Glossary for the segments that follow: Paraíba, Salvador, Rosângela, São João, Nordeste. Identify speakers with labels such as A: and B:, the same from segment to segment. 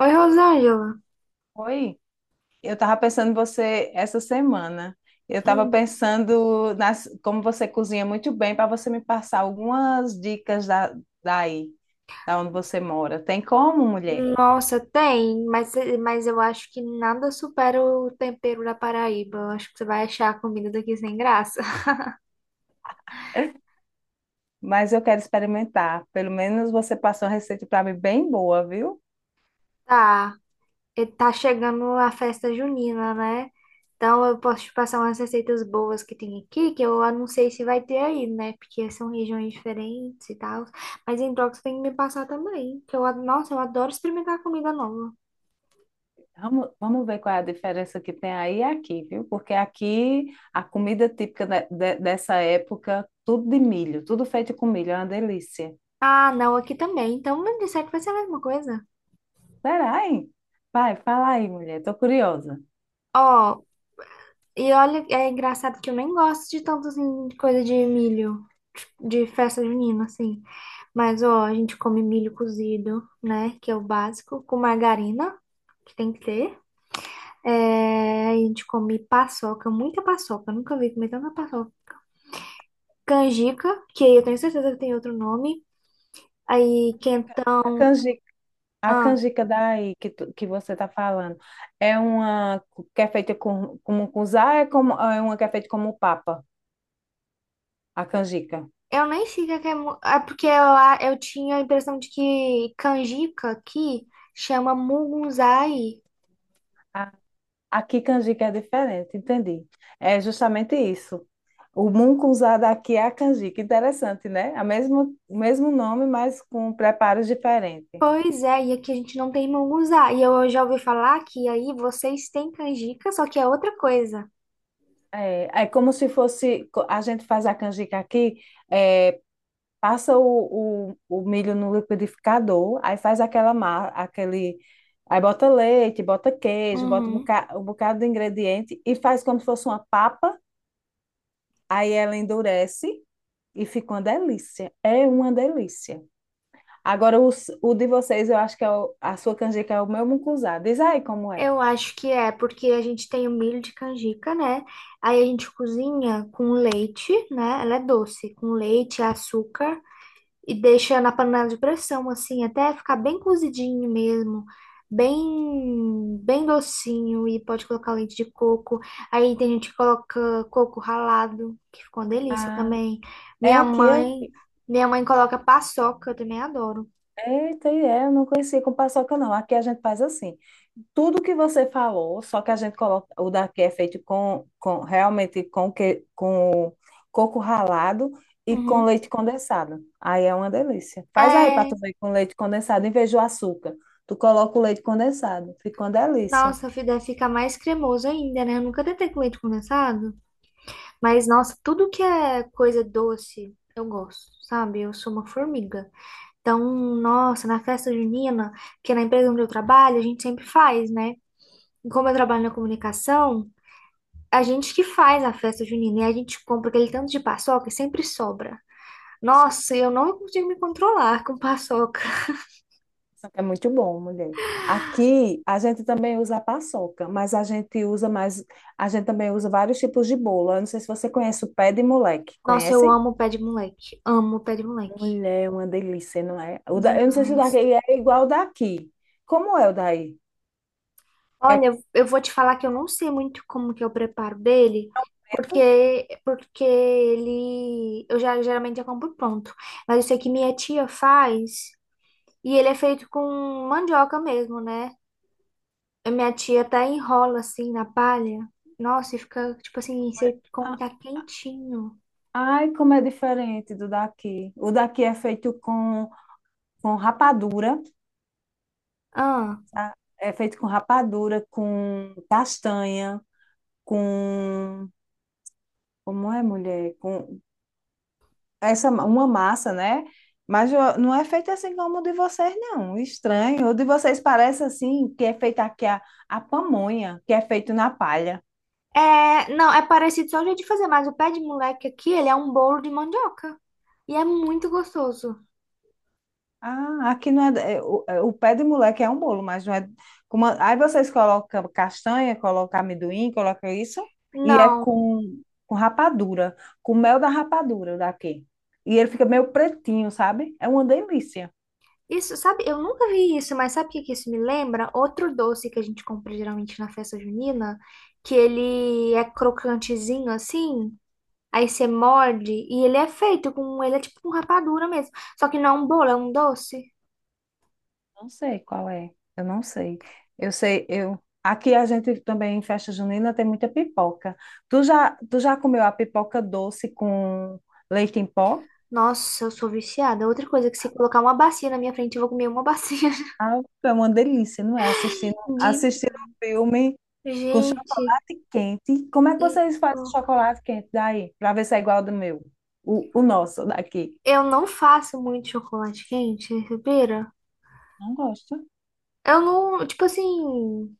A: Oi, Rosângela.
B: Oi, eu estava pensando em você essa semana. Eu estava
A: Hum.
B: pensando como você cozinha muito bem para você me passar algumas dicas daí, da onde você mora. Tem como, mulher?
A: Nossa, tem, mas eu acho que nada supera o tempero da Paraíba. Eu acho que você vai achar a comida daqui sem graça.
B: Mas eu quero experimentar. Pelo menos você passou uma receita para mim bem boa, viu?
A: Tá, e tá chegando a festa junina, né? Então eu posso te passar umas receitas boas que tem aqui, que eu não sei se vai ter aí, né? Porque são regiões diferentes e tal. Mas em troca você tem que me passar também, que eu, nossa, eu adoro experimentar comida nova.
B: Vamos ver qual é a diferença que tem aí e aqui, viu? Porque aqui a comida típica dessa época, tudo de milho, tudo feito com milho, é uma delícia.
A: Ah, não, aqui também. Então, não disser que vai ser a mesma coisa.
B: Será, hein? Vai, fala aí, mulher, tô curiosa.
A: Ó, e olha, é engraçado que eu nem gosto de tanto assim, de coisa de milho, de festa junina, assim. Mas, ó, a gente come milho cozido, né? Que é o básico, com margarina, que tem que ter. É, a gente come paçoca, muita paçoca, eu nunca vi comer tanta paçoca. Canjica, que eu tenho certeza que tem outro nome. Aí,
B: A
A: quentão.
B: canjica, a
A: Ah,
B: canjica daí que você está falando é uma que é feita como cusá, é uma que é feita como papa, a canjica.
A: eu nem sei o que é. É porque eu tinha a impressão de que canjica aqui chama mugunzai.
B: A- Aqui canjica é diferente, entendi. É justamente isso. O mungunzá daqui é a canjica. Interessante, né? O mesmo nome, mas com preparos diferentes.
A: Pois é, e aqui a gente não tem munguzá. E eu já ouvi falar que aí vocês têm canjica, só que é outra coisa.
B: É como se fosse, a gente faz a canjica aqui é, passa o milho no liquidificador, aí faz aquela massa, aquele. Aí bota leite, bota queijo, bota
A: Uhum.
B: um bocado de ingrediente e faz como se fosse uma papa. Aí ela endurece e fica uma delícia. É uma delícia. Agora, de vocês, eu acho que é a sua canjica é o meu mucunzá. Diz aí como é.
A: Eu acho que é, porque a gente tem o milho de canjica, né? Aí a gente cozinha com leite, né? Ela é doce, com leite, açúcar, e deixa na panela de pressão, assim, até ficar bem cozidinho mesmo, bem, bem docinho, e pode colocar leite de coco. Aí tem gente que coloca coco ralado, que ficou uma delícia
B: Ah,
A: também.
B: é
A: Minha
B: aqui, é
A: mãe,
B: aqui.
A: minha mãe coloca paçoca, eu também adoro.
B: Eita, e é, eu não conhecia com paçoca, não. Aqui a gente faz assim. Tudo que você falou, só que a gente coloca. O daqui é feito com realmente com coco ralado e com
A: Uhum.
B: leite condensado. Aí é uma delícia. Faz aí para
A: É,
B: tu ver com leite condensado, em vez do açúcar. Tu coloca o leite condensado, fica uma delícia.
A: nossa, deve ficar mais cremoso ainda, né? Eu nunca tentei com leite condensado, mas nossa, tudo que é coisa doce, eu gosto, sabe? Eu sou uma formiga. Então, nossa, na festa junina, que é na empresa onde eu trabalho, a gente sempre faz, né? E como eu trabalho na comunicação, a gente que faz a festa junina e a gente compra aquele tanto de paçoca e sempre sobra.
B: Deixa eu ver,
A: Nossa, eu não consigo me controlar com paçoca.
B: isso aqui é muito bom, mulher. Aqui a gente também usa a paçoca, mas a gente usa mais, a gente também usa vários tipos de bolo. Eu não sei se você conhece o pé de moleque.
A: Nossa, eu
B: Conhece?
A: amo pé de moleque. Amo pé de moleque.
B: Mulher, é uma delícia, não é? Eu não sei se o daqui
A: Demais.
B: é igual o daqui. Como é o daí? É
A: Olha, eu vou te falar que eu não sei muito como que eu preparo dele,
B: preto?
A: porque ele eu já geralmente já compro pronto. Mas eu sei que minha tia faz. E ele é feito com mandioca mesmo, né? A minha tia até enrola assim na palha. Nossa, e fica tipo assim, você come
B: Ah,
A: tá quentinho.
B: ai, como é diferente do daqui. O daqui é feito com rapadura,
A: Ah.
B: tá? É feito com rapadura, com castanha, com... Como é, mulher? Com uma massa, né? Mas não é feito assim como o de vocês, não. Estranho. O de vocês parece assim, que é feito aqui a pamonha, que é feito na palha.
A: É, não, é parecido só o jeito de fazer, mas o pé de moleque aqui, ele é um bolo de mandioca. E é muito gostoso.
B: Ah, aqui não é, o pé de moleque é um bolo, mas não é. Como, aí vocês colocam castanha, colocam amendoim, colocam isso, e é
A: Não,
B: com rapadura, com mel da rapadura daqui. E ele fica meio pretinho, sabe? É uma delícia.
A: isso, sabe, eu nunca vi isso, mas sabe o que que isso me lembra? Outro doce que a gente compra geralmente na festa junina, que ele é crocantezinho assim. Aí você morde e ele é feito com. Ele é tipo um rapadura mesmo. Só que não é um bolo, é um doce.
B: Não sei qual é, eu não sei. Eu sei, eu. Aqui a gente também em festa junina tem muita pipoca. Tu já comeu a pipoca doce com leite em pó?
A: Nossa, eu sou viciada. Outra coisa, que se colocar uma bacia na minha frente, eu vou comer uma bacia
B: Ah, é uma delícia, não é? Assistindo,
A: de.
B: assistindo um filme com
A: Gente,
B: chocolate quente. Como é que
A: e
B: vocês
A: tipo.
B: fazem chocolate quente daí? Para ver se é igual ao do meu. O nosso daqui.
A: Eu não faço muito chocolate quente, respira?
B: Não gosto.
A: Eu não. Tipo assim.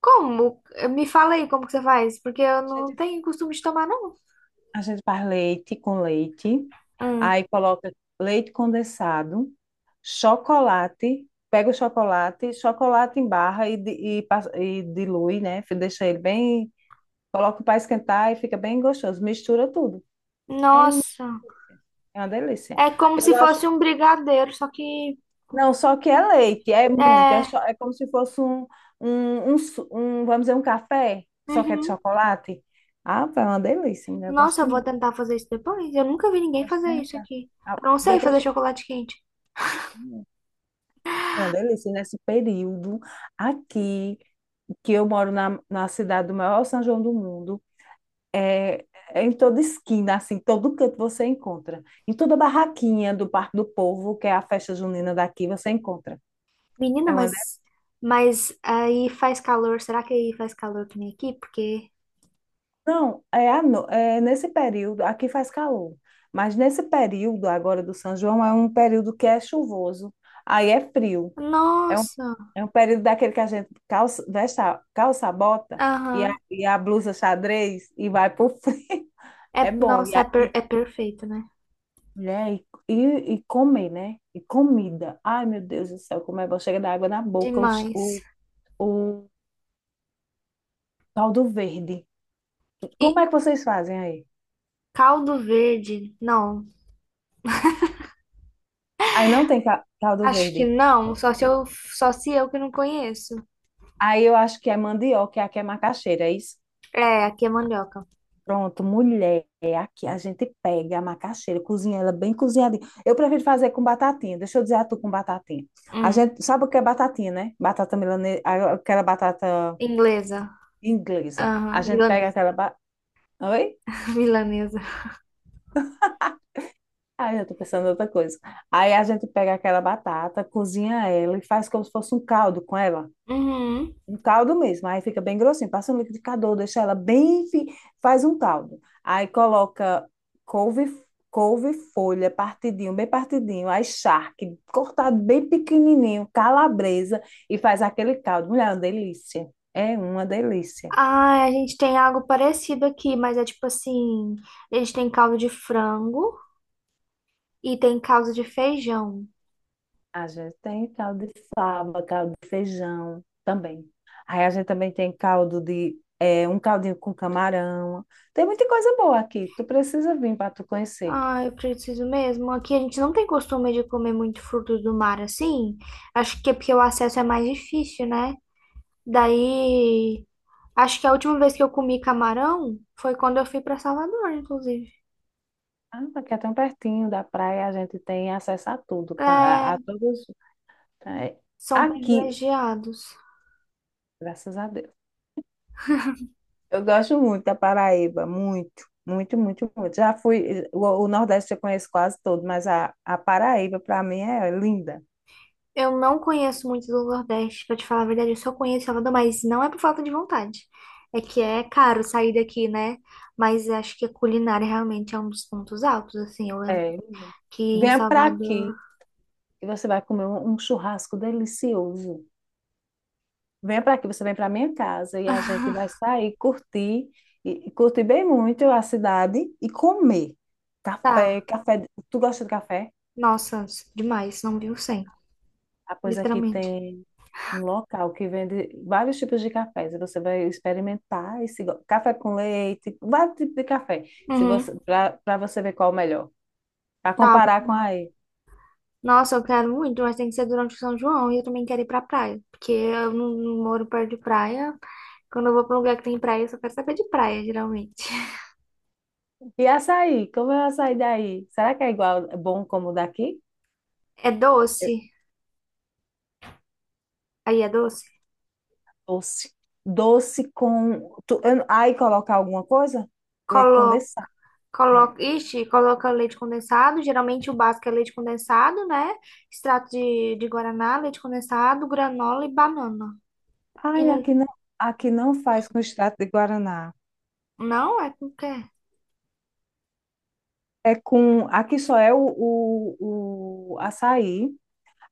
A: Como? Me fala aí como que você faz, porque eu
B: A
A: não
B: gente,
A: tenho costume de tomar, não.
B: a gente faz leite com leite.
A: Hum.
B: Aí coloca leite condensado, chocolate. Pega o chocolate, chocolate em barra e dilui, né? Deixa ele bem. Coloca para esquentar e fica bem gostoso. Mistura tudo. É uma
A: Nossa.
B: delícia. É uma delícia.
A: É como
B: Eu
A: se
B: gosto.
A: fosse um brigadeiro, só que.
B: Não, só que é leite, é muito. É, cho-
A: É.
B: é como se fosse um, vamos dizer, um café, só que é de
A: Uhum.
B: chocolate. Ah, pá, é uma delícia, mulher. Eu gosto
A: Nossa, eu vou
B: demais.
A: tentar fazer isso depois. Eu nunca vi ninguém
B: Gosto
A: fazer
B: de
A: isso
B: tentar.
A: aqui.
B: Ah,
A: Eu não sei fazer chocolate quente.
B: é uma delícia. E nesse período aqui, que eu moro na cidade do maior São João do mundo, é, é em toda esquina, assim, todo canto você encontra. Em toda barraquinha do Parque do Povo, que é a festa junina daqui, você encontra.
A: Menina,
B: É uma
A: mas aí faz calor. Será que aí faz calor que nem aqui? Porque.
B: Não, é, à no- é nesse período, aqui faz calor, mas nesse período agora do São João é um período que é chuvoso, aí é frio. É um,
A: Nossa!
B: é um período daquele que a gente calça a bota e a,
A: Aham.
B: e a blusa xadrez e vai pro frio.
A: É,
B: É bom. E,
A: nossa, é, é perfeito, né?
B: né, e comer, né? E comida. Ai, meu Deus do céu, como é bom. Chega da água na boca, o, ch-
A: Demais.
B: o, o caldo verde.
A: E
B: Como é que vocês fazem aí?
A: caldo verde? Não.
B: Aí não tem caldo
A: Acho que
B: verde.
A: não. Só se eu que não conheço.
B: Aí eu acho que é mandioca, e aqui é macaxeira, é isso?
A: É, aqui é mandioca.
B: Pronto, mulher, aqui a gente pega a macaxeira, cozinha ela bem cozinhadinha. Eu prefiro fazer com batatinha, deixa eu dizer a tu com batatinha. A
A: Hum,
B: gente sabe o que é batatinha, né? Batata milanesa, aquela batata
A: inglesa.
B: inglesa. A
A: Aham,
B: gente pega
A: milanesa.
B: aquela. Oi?
A: Milanesa.
B: Ai, eu tô pensando em outra coisa. Aí a gente pega aquela batata, cozinha ela e faz como se fosse um caldo com ela.
A: Uhum.
B: Um caldo mesmo, aí fica bem grossinho. Passa um liquidificador, deixa ela bem. Faz um caldo. Aí coloca couve, couve folha, partidinho, bem partidinho. Aí charque, cortado bem pequenininho, calabresa, e faz aquele caldo. Mulher, é uma delícia. É uma delícia.
A: Ah, a gente tem algo parecido aqui, mas é tipo assim, eles têm caldo de frango e tem caldo de feijão.
B: A gente tem caldo de fava, caldo de feijão também. Aí a gente também tem caldo de, um caldinho com camarão. Tem muita coisa boa aqui. Tu precisa vir para tu conhecer.
A: Ah, eu preciso mesmo. Aqui a gente não tem costume de comer muito frutos do mar assim. Acho que é porque o acesso é mais difícil, né? Daí, acho que a última vez que eu comi camarão foi quando eu fui para Salvador, inclusive.
B: Ah, porque é tão pertinho da praia, a gente tem acesso a tudo, a
A: É,
B: todos. é,
A: são
B: Aqui,
A: privilegiados.
B: graças a Deus. Eu gosto muito da Paraíba, muito, muito, muito, muito. Já fui, o Nordeste eu conheço quase todo, mas a Paraíba, para mim, é linda.
A: Eu não conheço muito do Nordeste, pra te falar a verdade, eu só conheço Salvador, mas não é por falta de vontade. É que é caro sair daqui, né? Mas acho que a culinária realmente é um dos pontos altos, assim. Eu lembro
B: É, linda.
A: que em
B: Venha para
A: Salvador.
B: aqui e você vai comer um churrasco delicioso. Venha para aqui, você vem para minha casa e a gente vai sair, curtir, e curtir bem muito a cidade e comer. Café,
A: Tá,
B: café. Tu gosta de café?
A: nossa, demais, não viu sem,
B: Ah, pois aqui
A: literalmente.
B: tem um local que vende vários tipos de cafés. E você vai experimentar esse café com leite, vários tipos de café, se você
A: Uhum.
B: para você ver qual é o melhor, para
A: Tá,
B: comparar com aí.
A: nossa, eu quero muito, mas tem que ser durante o São João e eu também quero ir pra praia, porque eu não, não moro perto de praia. Quando eu vou pra um lugar que tem praia, eu só quero saber de praia, geralmente.
B: E açaí, como é o açaí daí? Será que é igual, é bom como o daqui?
A: É doce? Aí é doce?
B: Doce. Doce com. Aí colocar alguma coisa? Leite
A: Coloca,
B: condensado. É.
A: coloca, ixi, coloca leite condensado. Geralmente o básico é leite condensado, né? Extrato de guaraná, leite condensado, granola e banana.
B: Ai,
A: E,
B: aqui não faz com extrato de guaraná.
A: não, é com que?
B: É com. Aqui só é o açaí.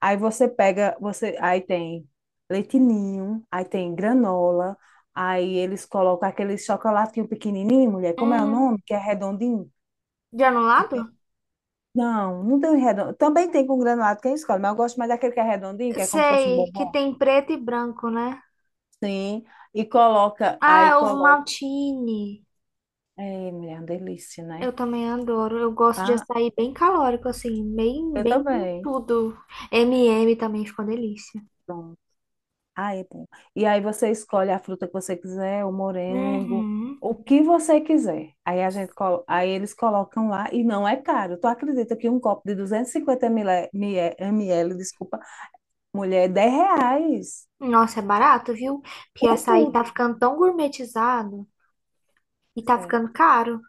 B: Aí você pega. Você aí tem leite ninho, aí tem granola. Aí eles colocam aquele chocolatinho pequenininho, mulher. Como é o
A: Hum,
B: nome? Que é redondinho? Que tem...
A: granulado?
B: Não, não tem um redondo. Também tem com granulado, quem escolhe, mas eu gosto mais daquele que é redondinho, que é como se fosse um
A: Sei, que
B: bombom.
A: tem preto e branco, né?
B: Sim, e coloca,
A: Ah,
B: aí
A: é ovo
B: coloca.
A: maltine.
B: É, mulher, é uma delícia, né?
A: Eu também adoro. Eu gosto de
B: Ah,
A: açaí bem calórico, assim, bem,
B: eu
A: bem com
B: também.
A: tudo. M&M também ficou delícia.
B: Pronto. Aí, é bom. E aí você escolhe a fruta que você quiser, o morango,
A: Uhum.
B: o que você quiser. Aí aí eles colocam lá e não é caro. Tu acredita que um copo de 250 ml, desculpa, mulher, é R$ 10.
A: Nossa, é barato, viu? Porque
B: Com
A: açaí tá
B: tudo.
A: ficando tão gourmetizado e tá ficando caro.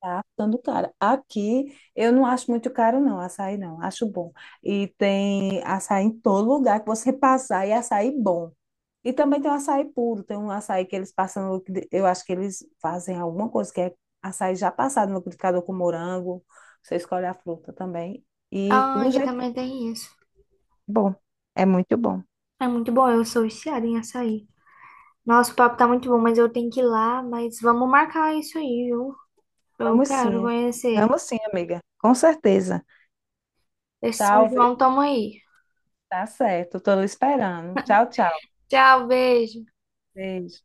B: Tá ficando caro. Aqui eu não acho muito caro, não, açaí não, acho bom. E tem açaí em todo lugar que você passar, e açaí bom. E também tem o açaí puro, tem um açaí que eles passam, no liquidi- eu acho que eles fazem alguma coisa que é açaí já passado no liquidificador com morango, você escolhe a fruta também. E
A: Ah,
B: do
A: aqui
B: jeito que é
A: também tem isso.
B: bom, é muito bom.
A: É muito bom, eu sou viciada em açaí. Nossa, o papo tá muito bom, mas eu tenho que ir lá. Mas vamos marcar isso aí, viu? Eu
B: Vamos
A: quero
B: sim,
A: conhecer.
B: vamos sim, amiga, com certeza.
A: Esse São
B: Tchau, viu?
A: João, tamo aí.
B: Tá certo, tô esperando. Tchau, tchau.
A: Tchau, beijo.
B: Beijo.